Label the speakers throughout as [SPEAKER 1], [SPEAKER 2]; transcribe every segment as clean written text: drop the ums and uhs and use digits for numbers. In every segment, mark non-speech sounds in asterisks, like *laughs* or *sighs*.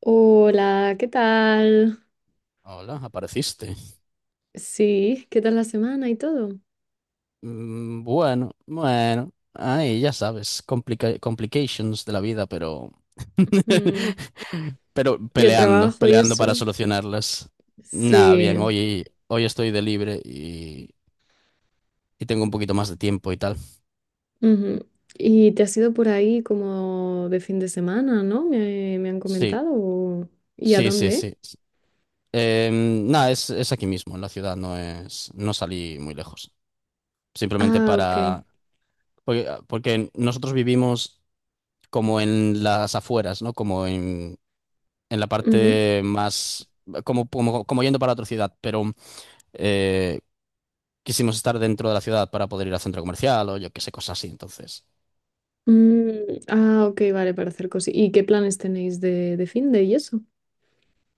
[SPEAKER 1] Hola, ¿qué tal?
[SPEAKER 2] Hola, apareciste.
[SPEAKER 1] Sí, ¿qué tal la semana y todo?
[SPEAKER 2] Bueno, bueno, ahí ya sabes, complications de la vida, pero...
[SPEAKER 1] Mm,
[SPEAKER 2] *laughs* pero
[SPEAKER 1] y el
[SPEAKER 2] peleando,
[SPEAKER 1] trabajo y
[SPEAKER 2] peleando para
[SPEAKER 1] eso.
[SPEAKER 2] solucionarlas. Nada, bien,
[SPEAKER 1] Sí.
[SPEAKER 2] hoy estoy de libre y tengo un poquito más de tiempo y tal.
[SPEAKER 1] Ujú. Y te has ido por ahí como de fin de semana, ¿no? Me han
[SPEAKER 2] Sí,
[SPEAKER 1] comentado. O- ¿Y a
[SPEAKER 2] sí, sí,
[SPEAKER 1] dónde?
[SPEAKER 2] sí. Nada, es aquí mismo, en la ciudad, no salí muy lejos. Simplemente
[SPEAKER 1] Ah, ok.
[SPEAKER 2] para... Porque, porque nosotros vivimos como en las afueras, ¿no? Como en la
[SPEAKER 1] Ujú.
[SPEAKER 2] parte más, como yendo para otra ciudad, pero eh, quisimos estar dentro de la ciudad para poder ir al centro comercial o yo qué sé, cosas así. Entonces,
[SPEAKER 1] Mm, ah, ok, vale, para hacer cosas. ¿Y qué planes tenéis de fin de y eso?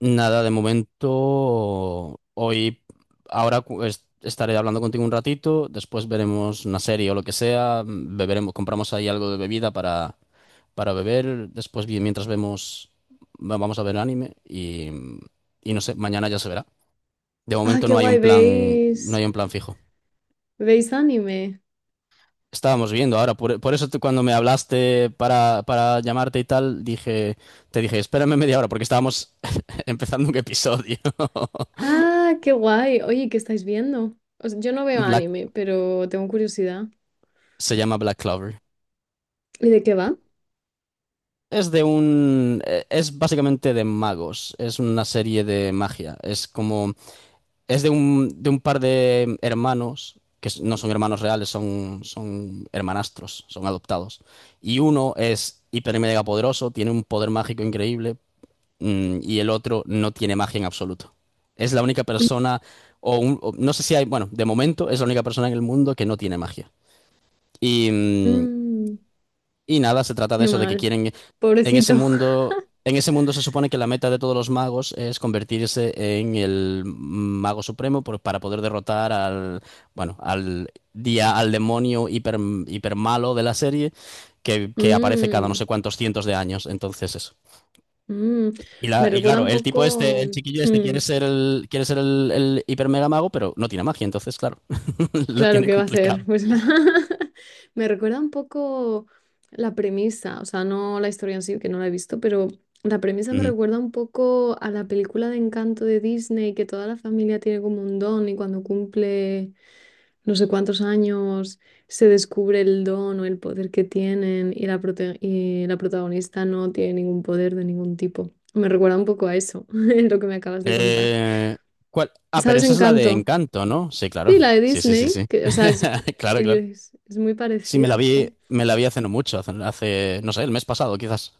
[SPEAKER 2] nada, de momento, hoy, ahora estaré hablando contigo un ratito, después veremos una serie o lo que sea, beberemos, compramos ahí algo de bebida para beber, después mientras vemos, vamos a ver anime y no sé, mañana ya se verá. De
[SPEAKER 1] Ah,
[SPEAKER 2] momento
[SPEAKER 1] qué
[SPEAKER 2] no hay
[SPEAKER 1] guay,
[SPEAKER 2] un plan, no
[SPEAKER 1] ¿veis?
[SPEAKER 2] hay un plan fijo.
[SPEAKER 1] ¿Veis anime?
[SPEAKER 2] Estábamos viendo ahora, por eso tú cuando me hablaste para llamarte y tal, dije, te dije, espérame media hora porque estábamos *laughs* empezando un episodio. *laughs*
[SPEAKER 1] Ah, qué guay. Oye, ¿qué estáis viendo? O sea, yo no veo
[SPEAKER 2] Black,
[SPEAKER 1] anime, pero tengo curiosidad.
[SPEAKER 2] se llama Black Clover.
[SPEAKER 1] ¿Y de qué va?
[SPEAKER 2] Es de un, es básicamente de magos, es una serie de magia, es como, es de un par de hermanos, que no son hermanos reales, son, son hermanastros, son adoptados. Y uno es hiper y mega poderoso, tiene un poder mágico increíble, y el otro no tiene magia en absoluto. Es la única persona, o, o no sé si hay, bueno, de momento es la única persona en el mundo que no tiene magia. Y,
[SPEAKER 1] Mm,
[SPEAKER 2] y nada, se trata de
[SPEAKER 1] qué
[SPEAKER 2] eso, de que
[SPEAKER 1] mal.
[SPEAKER 2] quieren, en ese
[SPEAKER 1] Pobrecito. *laughs*
[SPEAKER 2] mundo, en ese mundo se supone que la meta de todos los magos es convertirse en el mago supremo para poder derrotar al, bueno, al día, al demonio hiper, hiper malo de la serie que aparece cada no
[SPEAKER 1] Mm,
[SPEAKER 2] sé cuántos cientos de años. Entonces eso.
[SPEAKER 1] mm.
[SPEAKER 2] Y,
[SPEAKER 1] Me
[SPEAKER 2] y
[SPEAKER 1] recuerda
[SPEAKER 2] claro,
[SPEAKER 1] un
[SPEAKER 2] el tipo este,
[SPEAKER 1] poco.
[SPEAKER 2] el chiquillo este
[SPEAKER 1] Mm,
[SPEAKER 2] quiere ser el hiper mega mago, pero no tiene magia, entonces, claro, *laughs* lo
[SPEAKER 1] claro
[SPEAKER 2] tiene
[SPEAKER 1] qué va a ser.
[SPEAKER 2] complicado.
[SPEAKER 1] Pues, *laughs* me recuerda un poco la premisa. O sea, no la historia en sí, que no la he visto, pero la premisa me
[SPEAKER 2] Ujú.
[SPEAKER 1] recuerda un poco a la película de Encanto de Disney, que toda la familia tiene como un don y cuando cumple. No sé cuántos años se descubre el don o el poder que tienen y y la protagonista no tiene ningún poder de ningún tipo. Me recuerda un poco a eso, *laughs* lo que me acabas de contar.
[SPEAKER 2] Eh, ¿Cuál? Ah, pero
[SPEAKER 1] ¿Sabes
[SPEAKER 2] esa es la de
[SPEAKER 1] Encanto?
[SPEAKER 2] Encanto, ¿no? Sí, claro.
[SPEAKER 1] Sí, la de
[SPEAKER 2] Sí, sí, sí,
[SPEAKER 1] Disney,
[SPEAKER 2] sí.
[SPEAKER 1] que, o sea,
[SPEAKER 2] *laughs* Claro,
[SPEAKER 1] te quiero
[SPEAKER 2] claro.
[SPEAKER 1] decir, es muy
[SPEAKER 2] Sí,
[SPEAKER 1] parecida, jo.
[SPEAKER 2] me la vi hace no mucho, hace, hace, no sé, el mes pasado, quizás.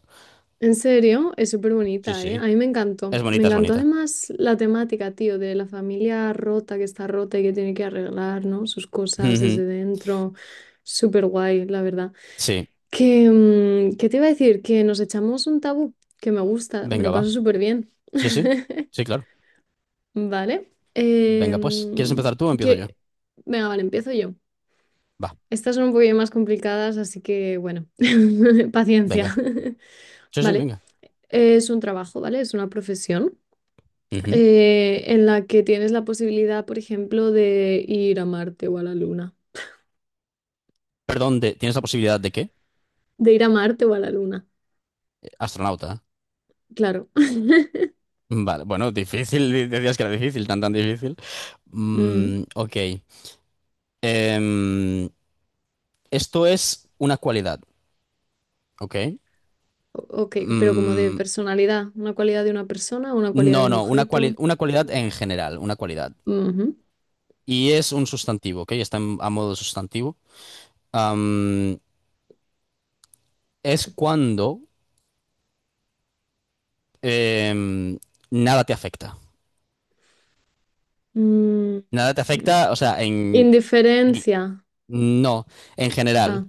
[SPEAKER 1] En serio, es súper
[SPEAKER 2] Sí,
[SPEAKER 1] bonita, ¿eh? A
[SPEAKER 2] sí.
[SPEAKER 1] mí me encantó.
[SPEAKER 2] Es
[SPEAKER 1] Me
[SPEAKER 2] bonita, es
[SPEAKER 1] encantó
[SPEAKER 2] bonita.
[SPEAKER 1] además la temática, tío, de la familia rota que está rota y que tiene que arreglar, ¿no? Sus cosas
[SPEAKER 2] Ujú.
[SPEAKER 1] desde dentro. Súper guay, la verdad.
[SPEAKER 2] Sí,
[SPEAKER 1] Que, ¿qué te iba a decir? Que nos echamos un tabú, que me gusta, me lo
[SPEAKER 2] venga, va.
[SPEAKER 1] paso súper bien.
[SPEAKER 2] Sí, sí.
[SPEAKER 1] *laughs*
[SPEAKER 2] Sí, claro.
[SPEAKER 1] Vale.
[SPEAKER 2] Venga, pues. ¿Quieres empezar tú o empiezo yo?
[SPEAKER 1] Que... Venga, vale, empiezo yo.
[SPEAKER 2] Va,
[SPEAKER 1] Estas son un poquillo más complicadas, así que bueno, *laughs* paciencia.
[SPEAKER 2] venga.
[SPEAKER 1] *laughs*
[SPEAKER 2] Sí, sí,
[SPEAKER 1] Vale.
[SPEAKER 2] venga.
[SPEAKER 1] Es un trabajo, ¿vale? Es una profesión
[SPEAKER 2] Ujú.
[SPEAKER 1] en la que tienes la posibilidad, por ejemplo, de ir a Marte o a la Luna.
[SPEAKER 2] Perdón, ¿tienes la posibilidad de qué?
[SPEAKER 1] De ir a Marte o a la Luna,
[SPEAKER 2] Astronauta.
[SPEAKER 1] claro.
[SPEAKER 2] Vale, bueno, difícil, decías que era difícil, tan tan difícil.
[SPEAKER 1] *laughs* Mm.
[SPEAKER 2] Ok. Em, esto es una cualidad, ¿ok?
[SPEAKER 1] O- Ok, pero como de
[SPEAKER 2] Mm,
[SPEAKER 1] personalidad, una cualidad de una persona, una cualidad de
[SPEAKER 2] no,
[SPEAKER 1] un
[SPEAKER 2] no, una
[SPEAKER 1] objeto.
[SPEAKER 2] una cualidad en general, una cualidad.
[SPEAKER 1] Ujú.
[SPEAKER 2] Y es un sustantivo, ¿ok? Está a modo de sustantivo. Am, es cuando em, nada te afecta.
[SPEAKER 1] Mm,
[SPEAKER 2] Nada te afecta, o sea, en...
[SPEAKER 1] indiferencia.
[SPEAKER 2] No, en
[SPEAKER 1] Ah.
[SPEAKER 2] general.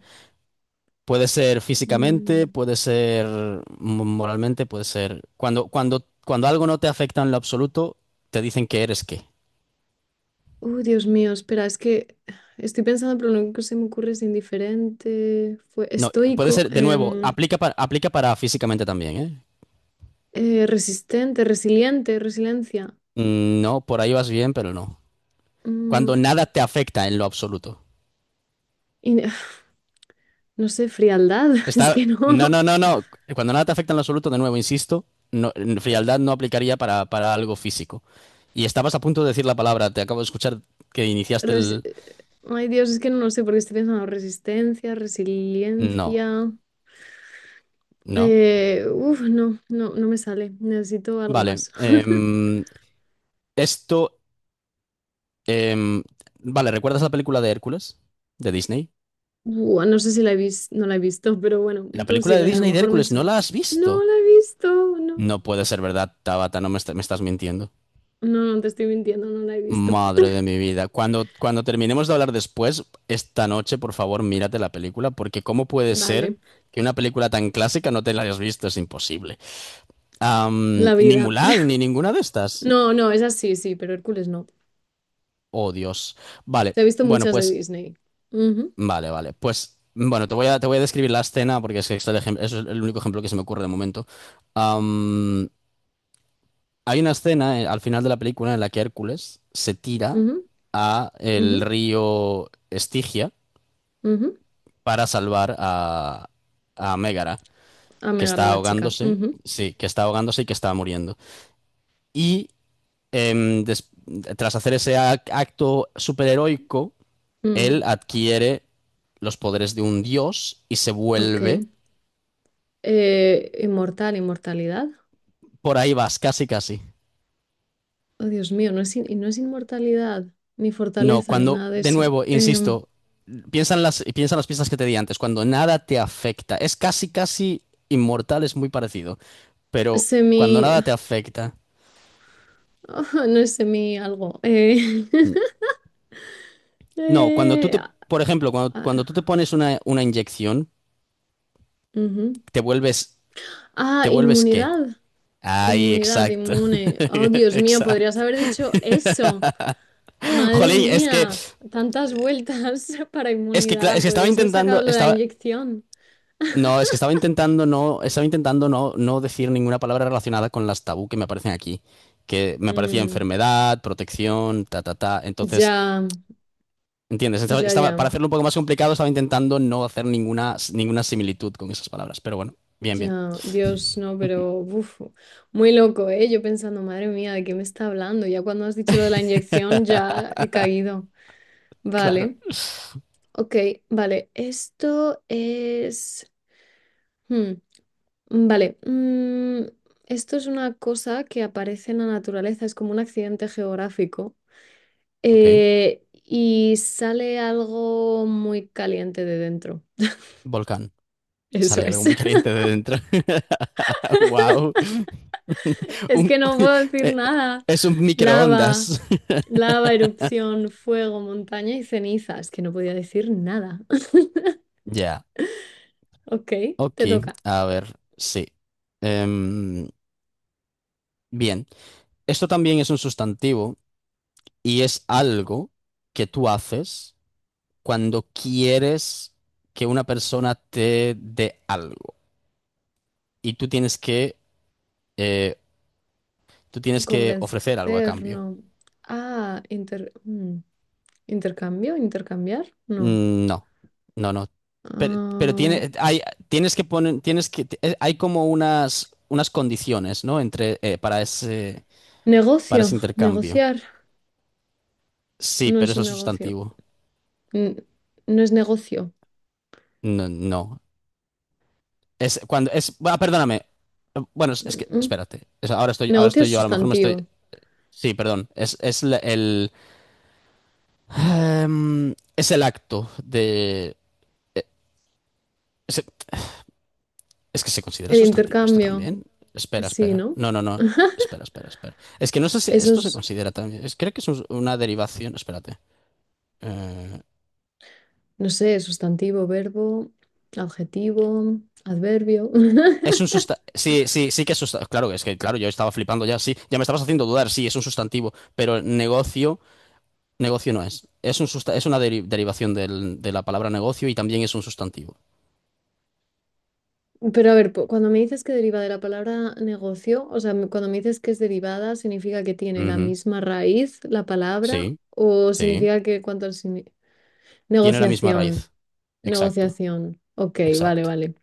[SPEAKER 2] Puede ser físicamente,
[SPEAKER 1] Mm.
[SPEAKER 2] puede ser moralmente, puede ser... Cuando, cuando, cuando algo no te afecta en lo absoluto, te dicen que eres qué.
[SPEAKER 1] Uy, Dios mío, espera, es que estoy pensando, pero lo único que se me ocurre es indiferente, fue
[SPEAKER 2] No, puede
[SPEAKER 1] estoico,
[SPEAKER 2] ser, de nuevo, aplica para, aplica para físicamente también, ¿eh?
[SPEAKER 1] resistente, resiliente, resiliencia.
[SPEAKER 2] No, por ahí vas bien, pero no.
[SPEAKER 1] Mm,
[SPEAKER 2] Cuando nada te afecta en lo absoluto.
[SPEAKER 1] in- *sighs* no sé, frialdad, *laughs* es
[SPEAKER 2] Está...
[SPEAKER 1] que
[SPEAKER 2] No,
[SPEAKER 1] no.
[SPEAKER 2] no, no, no. Cuando nada te afecta en lo absoluto, de nuevo, insisto, no, en frialdad no aplicaría para algo físico. Y estabas a punto de decir la palabra, te acabo de escuchar que iniciaste
[SPEAKER 1] Resi-
[SPEAKER 2] el...
[SPEAKER 1] Ay, Dios, es que no lo sé porque estoy pensando resistencia,
[SPEAKER 2] No,
[SPEAKER 1] resiliencia.
[SPEAKER 2] no.
[SPEAKER 1] No, no, no me sale. Necesito algo
[SPEAKER 2] Vale.
[SPEAKER 1] más. *laughs*
[SPEAKER 2] Esto, em, vale, ¿recuerdas la película de Hércules de Disney?
[SPEAKER 1] Buah, no sé si no la he visto, pero bueno,
[SPEAKER 2] La
[SPEAKER 1] tú
[SPEAKER 2] película de
[SPEAKER 1] sigue, a lo
[SPEAKER 2] Disney de
[SPEAKER 1] mejor me
[SPEAKER 2] Hércules, ¿no
[SPEAKER 1] suena.
[SPEAKER 2] la has
[SPEAKER 1] No
[SPEAKER 2] visto?
[SPEAKER 1] la he visto, no.
[SPEAKER 2] No puede ser verdad, Tabata, no me, me estás mintiendo.
[SPEAKER 1] No, no te estoy mintiendo, no la he visto.
[SPEAKER 2] Madre de mi vida. Cuando, cuando terminemos de hablar después, esta noche, por favor, mírate la película, porque ¿cómo puede
[SPEAKER 1] *laughs*
[SPEAKER 2] ser
[SPEAKER 1] Vale,
[SPEAKER 2] que una película tan clásica no te la hayas visto? Es imposible.
[SPEAKER 1] la
[SPEAKER 2] Ni
[SPEAKER 1] vida.
[SPEAKER 2] Mulan,
[SPEAKER 1] *laughs*
[SPEAKER 2] ni ninguna de estas.
[SPEAKER 1] No, no, es sí, sí, pero Hércules no.
[SPEAKER 2] Oh, Dios. Vale,
[SPEAKER 1] Se ha visto
[SPEAKER 2] bueno,
[SPEAKER 1] muchas de
[SPEAKER 2] pues
[SPEAKER 1] Disney. Ujú,
[SPEAKER 2] vale, vale. Pues bueno, te voy a describir la escena porque es que este es el es el único ejemplo que se me ocurre de momento. Am, hay una escena al final de la película en la que Hércules se tira
[SPEAKER 1] ujú,
[SPEAKER 2] a el
[SPEAKER 1] ujú,
[SPEAKER 2] río Estigia
[SPEAKER 1] ujú.
[SPEAKER 2] para salvar a Mégara,
[SPEAKER 1] A
[SPEAKER 2] que
[SPEAKER 1] Megar a
[SPEAKER 2] está
[SPEAKER 1] la chica.
[SPEAKER 2] ahogándose,
[SPEAKER 1] Ujú,
[SPEAKER 2] sí, que está ahogándose y que está muriendo. Y em, des- tras hacer ese acto superheroico,
[SPEAKER 1] mm,
[SPEAKER 2] él adquiere los poderes de un dios y se
[SPEAKER 1] ok.
[SPEAKER 2] vuelve.
[SPEAKER 1] Inmortal, inmortalidad.
[SPEAKER 2] Por ahí vas, casi, casi.
[SPEAKER 1] Oh, Dios mío, y no es inmortalidad, ni
[SPEAKER 2] No,
[SPEAKER 1] fortaleza, ni
[SPEAKER 2] cuando,
[SPEAKER 1] nada de
[SPEAKER 2] de
[SPEAKER 1] eso.
[SPEAKER 2] nuevo,
[SPEAKER 1] Em,
[SPEAKER 2] insisto, piensa en las pistas que te di antes, cuando nada te afecta. Es casi, casi inmortal, es muy parecido, pero cuando
[SPEAKER 1] semi.
[SPEAKER 2] nada te afecta.
[SPEAKER 1] *laughs* No es semi algo. *laughs*
[SPEAKER 2] No, cuando tú te,
[SPEAKER 1] Ah,
[SPEAKER 2] por ejemplo, cuando,
[SPEAKER 1] ah,
[SPEAKER 2] cuando tú te pones una inyección,
[SPEAKER 1] ujú.
[SPEAKER 2] te vuelves,
[SPEAKER 1] Ah,
[SPEAKER 2] ¿te vuelves qué?
[SPEAKER 1] inmunidad.
[SPEAKER 2] Ay,
[SPEAKER 1] Inmunidad,
[SPEAKER 2] exacto.
[SPEAKER 1] inmune. Oh,
[SPEAKER 2] *laughs*
[SPEAKER 1] Dios mío, podrías
[SPEAKER 2] Exacto.
[SPEAKER 1] haber dicho eso. Madre
[SPEAKER 2] Jolín, es que,
[SPEAKER 1] mía, tantas vueltas *laughs* para
[SPEAKER 2] es que,
[SPEAKER 1] inmunidad.
[SPEAKER 2] es que estaba
[SPEAKER 1] Podrías haber sacado
[SPEAKER 2] intentando,
[SPEAKER 1] lo de la
[SPEAKER 2] estaba,
[SPEAKER 1] inyección.
[SPEAKER 2] no, es que estaba intentando no, no decir ninguna palabra relacionada con las tabú que me aparecen aquí, que me aparecía
[SPEAKER 1] Mm,
[SPEAKER 2] enfermedad, protección, ta, ta, ta. Entonces,
[SPEAKER 1] ya,
[SPEAKER 2] ¿entiendes? Estaba,
[SPEAKER 1] ya, ya.
[SPEAKER 2] para hacerlo un poco más complicado, estaba intentando no hacer ninguna, ninguna similitud con esas palabras. Pero bueno, bien, bien.
[SPEAKER 1] Ya, Dios, no, pero uf, muy loco, ¿eh? Yo pensando, madre mía, ¿de qué me está hablando? Ya cuando has dicho lo de la inyección,
[SPEAKER 2] *laughs*
[SPEAKER 1] ya he caído.
[SPEAKER 2] Claro.
[SPEAKER 1] Vale, ok, vale, esto es... hmm, vale, esto es una cosa que aparece en la naturaleza, es como un accidente geográfico
[SPEAKER 2] Ok.
[SPEAKER 1] y sale algo muy caliente de dentro.
[SPEAKER 2] Volcán.
[SPEAKER 1] *laughs* Eso
[SPEAKER 2] Sale algo
[SPEAKER 1] es.
[SPEAKER 2] muy caliente de dentro. *laughs* Wow. *laughs*
[SPEAKER 1] Es
[SPEAKER 2] Un-
[SPEAKER 1] que no puedo
[SPEAKER 2] *laughs*
[SPEAKER 1] decir
[SPEAKER 2] eh,
[SPEAKER 1] nada.
[SPEAKER 2] es un
[SPEAKER 1] Lava,
[SPEAKER 2] microondas. *laughs*
[SPEAKER 1] lava, erupción, fuego, montaña y ceniza. Es que no podía decir nada. *laughs*
[SPEAKER 2] Ya.
[SPEAKER 1] Ok,
[SPEAKER 2] Ok,
[SPEAKER 1] te toca.
[SPEAKER 2] a ver, sí. Em, bien, esto también es un sustantivo y es algo que tú haces cuando quieres que una persona te dé algo y tú tienes que, eh, tú tienes que ofrecer algo a
[SPEAKER 1] Convencer,
[SPEAKER 2] cambio.
[SPEAKER 1] no. Ah, inter- mm, intercambio, intercambiar, no.
[SPEAKER 2] No, no, no. Pero
[SPEAKER 1] Ah,
[SPEAKER 2] tiene, hay, tienes que poner, tienes que, hay como unas, unas condiciones, ¿no? Entre, para
[SPEAKER 1] negocio,
[SPEAKER 2] ese intercambio.
[SPEAKER 1] negociar.
[SPEAKER 2] Sí,
[SPEAKER 1] No
[SPEAKER 2] pero
[SPEAKER 1] es
[SPEAKER 2] eso
[SPEAKER 1] un
[SPEAKER 2] es
[SPEAKER 1] negocio.
[SPEAKER 2] sustantivo.
[SPEAKER 1] N- No es negocio.
[SPEAKER 2] No, no. Es cuando es. Ah, perdóname. Bueno, es que.
[SPEAKER 1] Mm, mm.
[SPEAKER 2] Espérate. Ahora
[SPEAKER 1] Negocio
[SPEAKER 2] estoy
[SPEAKER 1] es
[SPEAKER 2] yo, a lo mejor me estoy.
[SPEAKER 1] sustantivo.
[SPEAKER 2] Sí, perdón. Es, el. Es el acto de. eh, Es, es que se considera
[SPEAKER 1] El
[SPEAKER 2] sustantivo esto
[SPEAKER 1] intercambio,
[SPEAKER 2] también. Espera,
[SPEAKER 1] sí,
[SPEAKER 2] espera.
[SPEAKER 1] ¿no?
[SPEAKER 2] No, no, no. Espera, espera, espera. Es que no sé si
[SPEAKER 1] Eso
[SPEAKER 2] esto se
[SPEAKER 1] es.
[SPEAKER 2] considera también. Creo que es una derivación. Espérate. Eh,
[SPEAKER 1] No sé, sustantivo, verbo, adjetivo, adverbio.
[SPEAKER 2] es un
[SPEAKER 1] *laughs*
[SPEAKER 2] sustantivo. Sí, sí, sí que es sustantivo. Claro, es que, claro, yo estaba flipando ya. Sí, ya me estabas haciendo dudar. Sí, es un sustantivo. Pero negocio. Negocio no es. Es un es una derivación de la palabra negocio y también es un sustantivo.
[SPEAKER 1] Pero a ver, cuando me dices que deriva de la palabra negocio, o sea, cuando me dices que es derivada, ¿significa que tiene la
[SPEAKER 2] Ujú.
[SPEAKER 1] misma raíz la palabra?
[SPEAKER 2] Sí,
[SPEAKER 1] ¿O
[SPEAKER 2] sí.
[SPEAKER 1] significa que cuánto al sini-
[SPEAKER 2] Tiene la misma
[SPEAKER 1] Negociación,
[SPEAKER 2] raíz. Exacto,
[SPEAKER 1] negociación. Ok, vale,
[SPEAKER 2] exacto.
[SPEAKER 1] vale.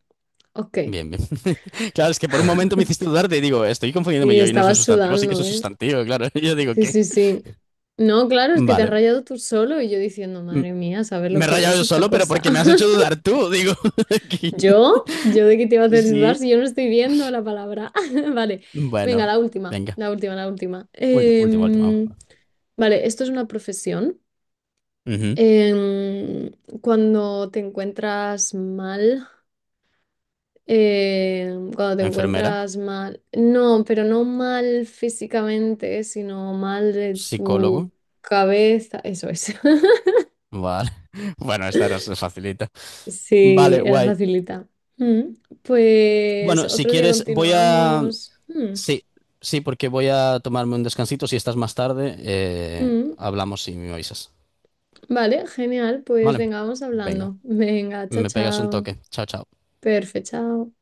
[SPEAKER 1] Ok.
[SPEAKER 2] Bien, bien. *laughs* Claro, es que por un momento me hiciste dudar y digo, estoy confundiéndome
[SPEAKER 1] Y
[SPEAKER 2] yo y no es un
[SPEAKER 1] estabas
[SPEAKER 2] sustantivo, sí que es
[SPEAKER 1] sudando,
[SPEAKER 2] un
[SPEAKER 1] ¿eh?
[SPEAKER 2] sustantivo, claro. *laughs* Yo digo,
[SPEAKER 1] Sí,
[SPEAKER 2] ¿qué?
[SPEAKER 1] sí, sí. No, claro, es que te has
[SPEAKER 2] Vale.
[SPEAKER 1] rayado tú solo y yo diciendo,
[SPEAKER 2] M-
[SPEAKER 1] madre mía, saber lo
[SPEAKER 2] me he
[SPEAKER 1] que
[SPEAKER 2] rayado
[SPEAKER 1] es
[SPEAKER 2] yo
[SPEAKER 1] esta
[SPEAKER 2] solo, pero
[SPEAKER 1] cosa.
[SPEAKER 2] porque me has hecho
[SPEAKER 1] *laughs*
[SPEAKER 2] dudar tú, digo. *laughs* aquí.
[SPEAKER 1] ¿Yo? ¿Yo de qué te iba a
[SPEAKER 2] Sí,
[SPEAKER 1] hacer dudar
[SPEAKER 2] sí.
[SPEAKER 1] si yo no estoy viendo la palabra? *laughs* Vale, venga,
[SPEAKER 2] Bueno,
[SPEAKER 1] la última,
[SPEAKER 2] venga.
[SPEAKER 1] la última, la última.
[SPEAKER 2] Última, última.
[SPEAKER 1] Vale, esto es una profesión.
[SPEAKER 2] Ujú.
[SPEAKER 1] Em, cuando te encuentras mal, cuando te
[SPEAKER 2] Enfermera,
[SPEAKER 1] encuentras mal, no, pero no mal físicamente, sino mal de tu
[SPEAKER 2] psicólogo.
[SPEAKER 1] cabeza, eso es. *laughs*
[SPEAKER 2] Vale. *laughs* Bueno, esta era facilita.
[SPEAKER 1] Sí,
[SPEAKER 2] Vale,
[SPEAKER 1] era
[SPEAKER 2] guay.
[SPEAKER 1] facilita. Mm, pues
[SPEAKER 2] Bueno, si
[SPEAKER 1] otro día
[SPEAKER 2] quieres, voy a...
[SPEAKER 1] continuamos. Mm.
[SPEAKER 2] Sí, sí, porque voy a tomarme un descansito. Si estás más tarde,
[SPEAKER 1] Mm,
[SPEAKER 2] hablamos y me avisas.
[SPEAKER 1] vale, genial. Pues
[SPEAKER 2] Vale,
[SPEAKER 1] venga, vamos
[SPEAKER 2] venga,
[SPEAKER 1] hablando. *laughs* Venga, chao,
[SPEAKER 2] me pegas un
[SPEAKER 1] chao.
[SPEAKER 2] toque. Chao, chao.
[SPEAKER 1] Perfecto, chao.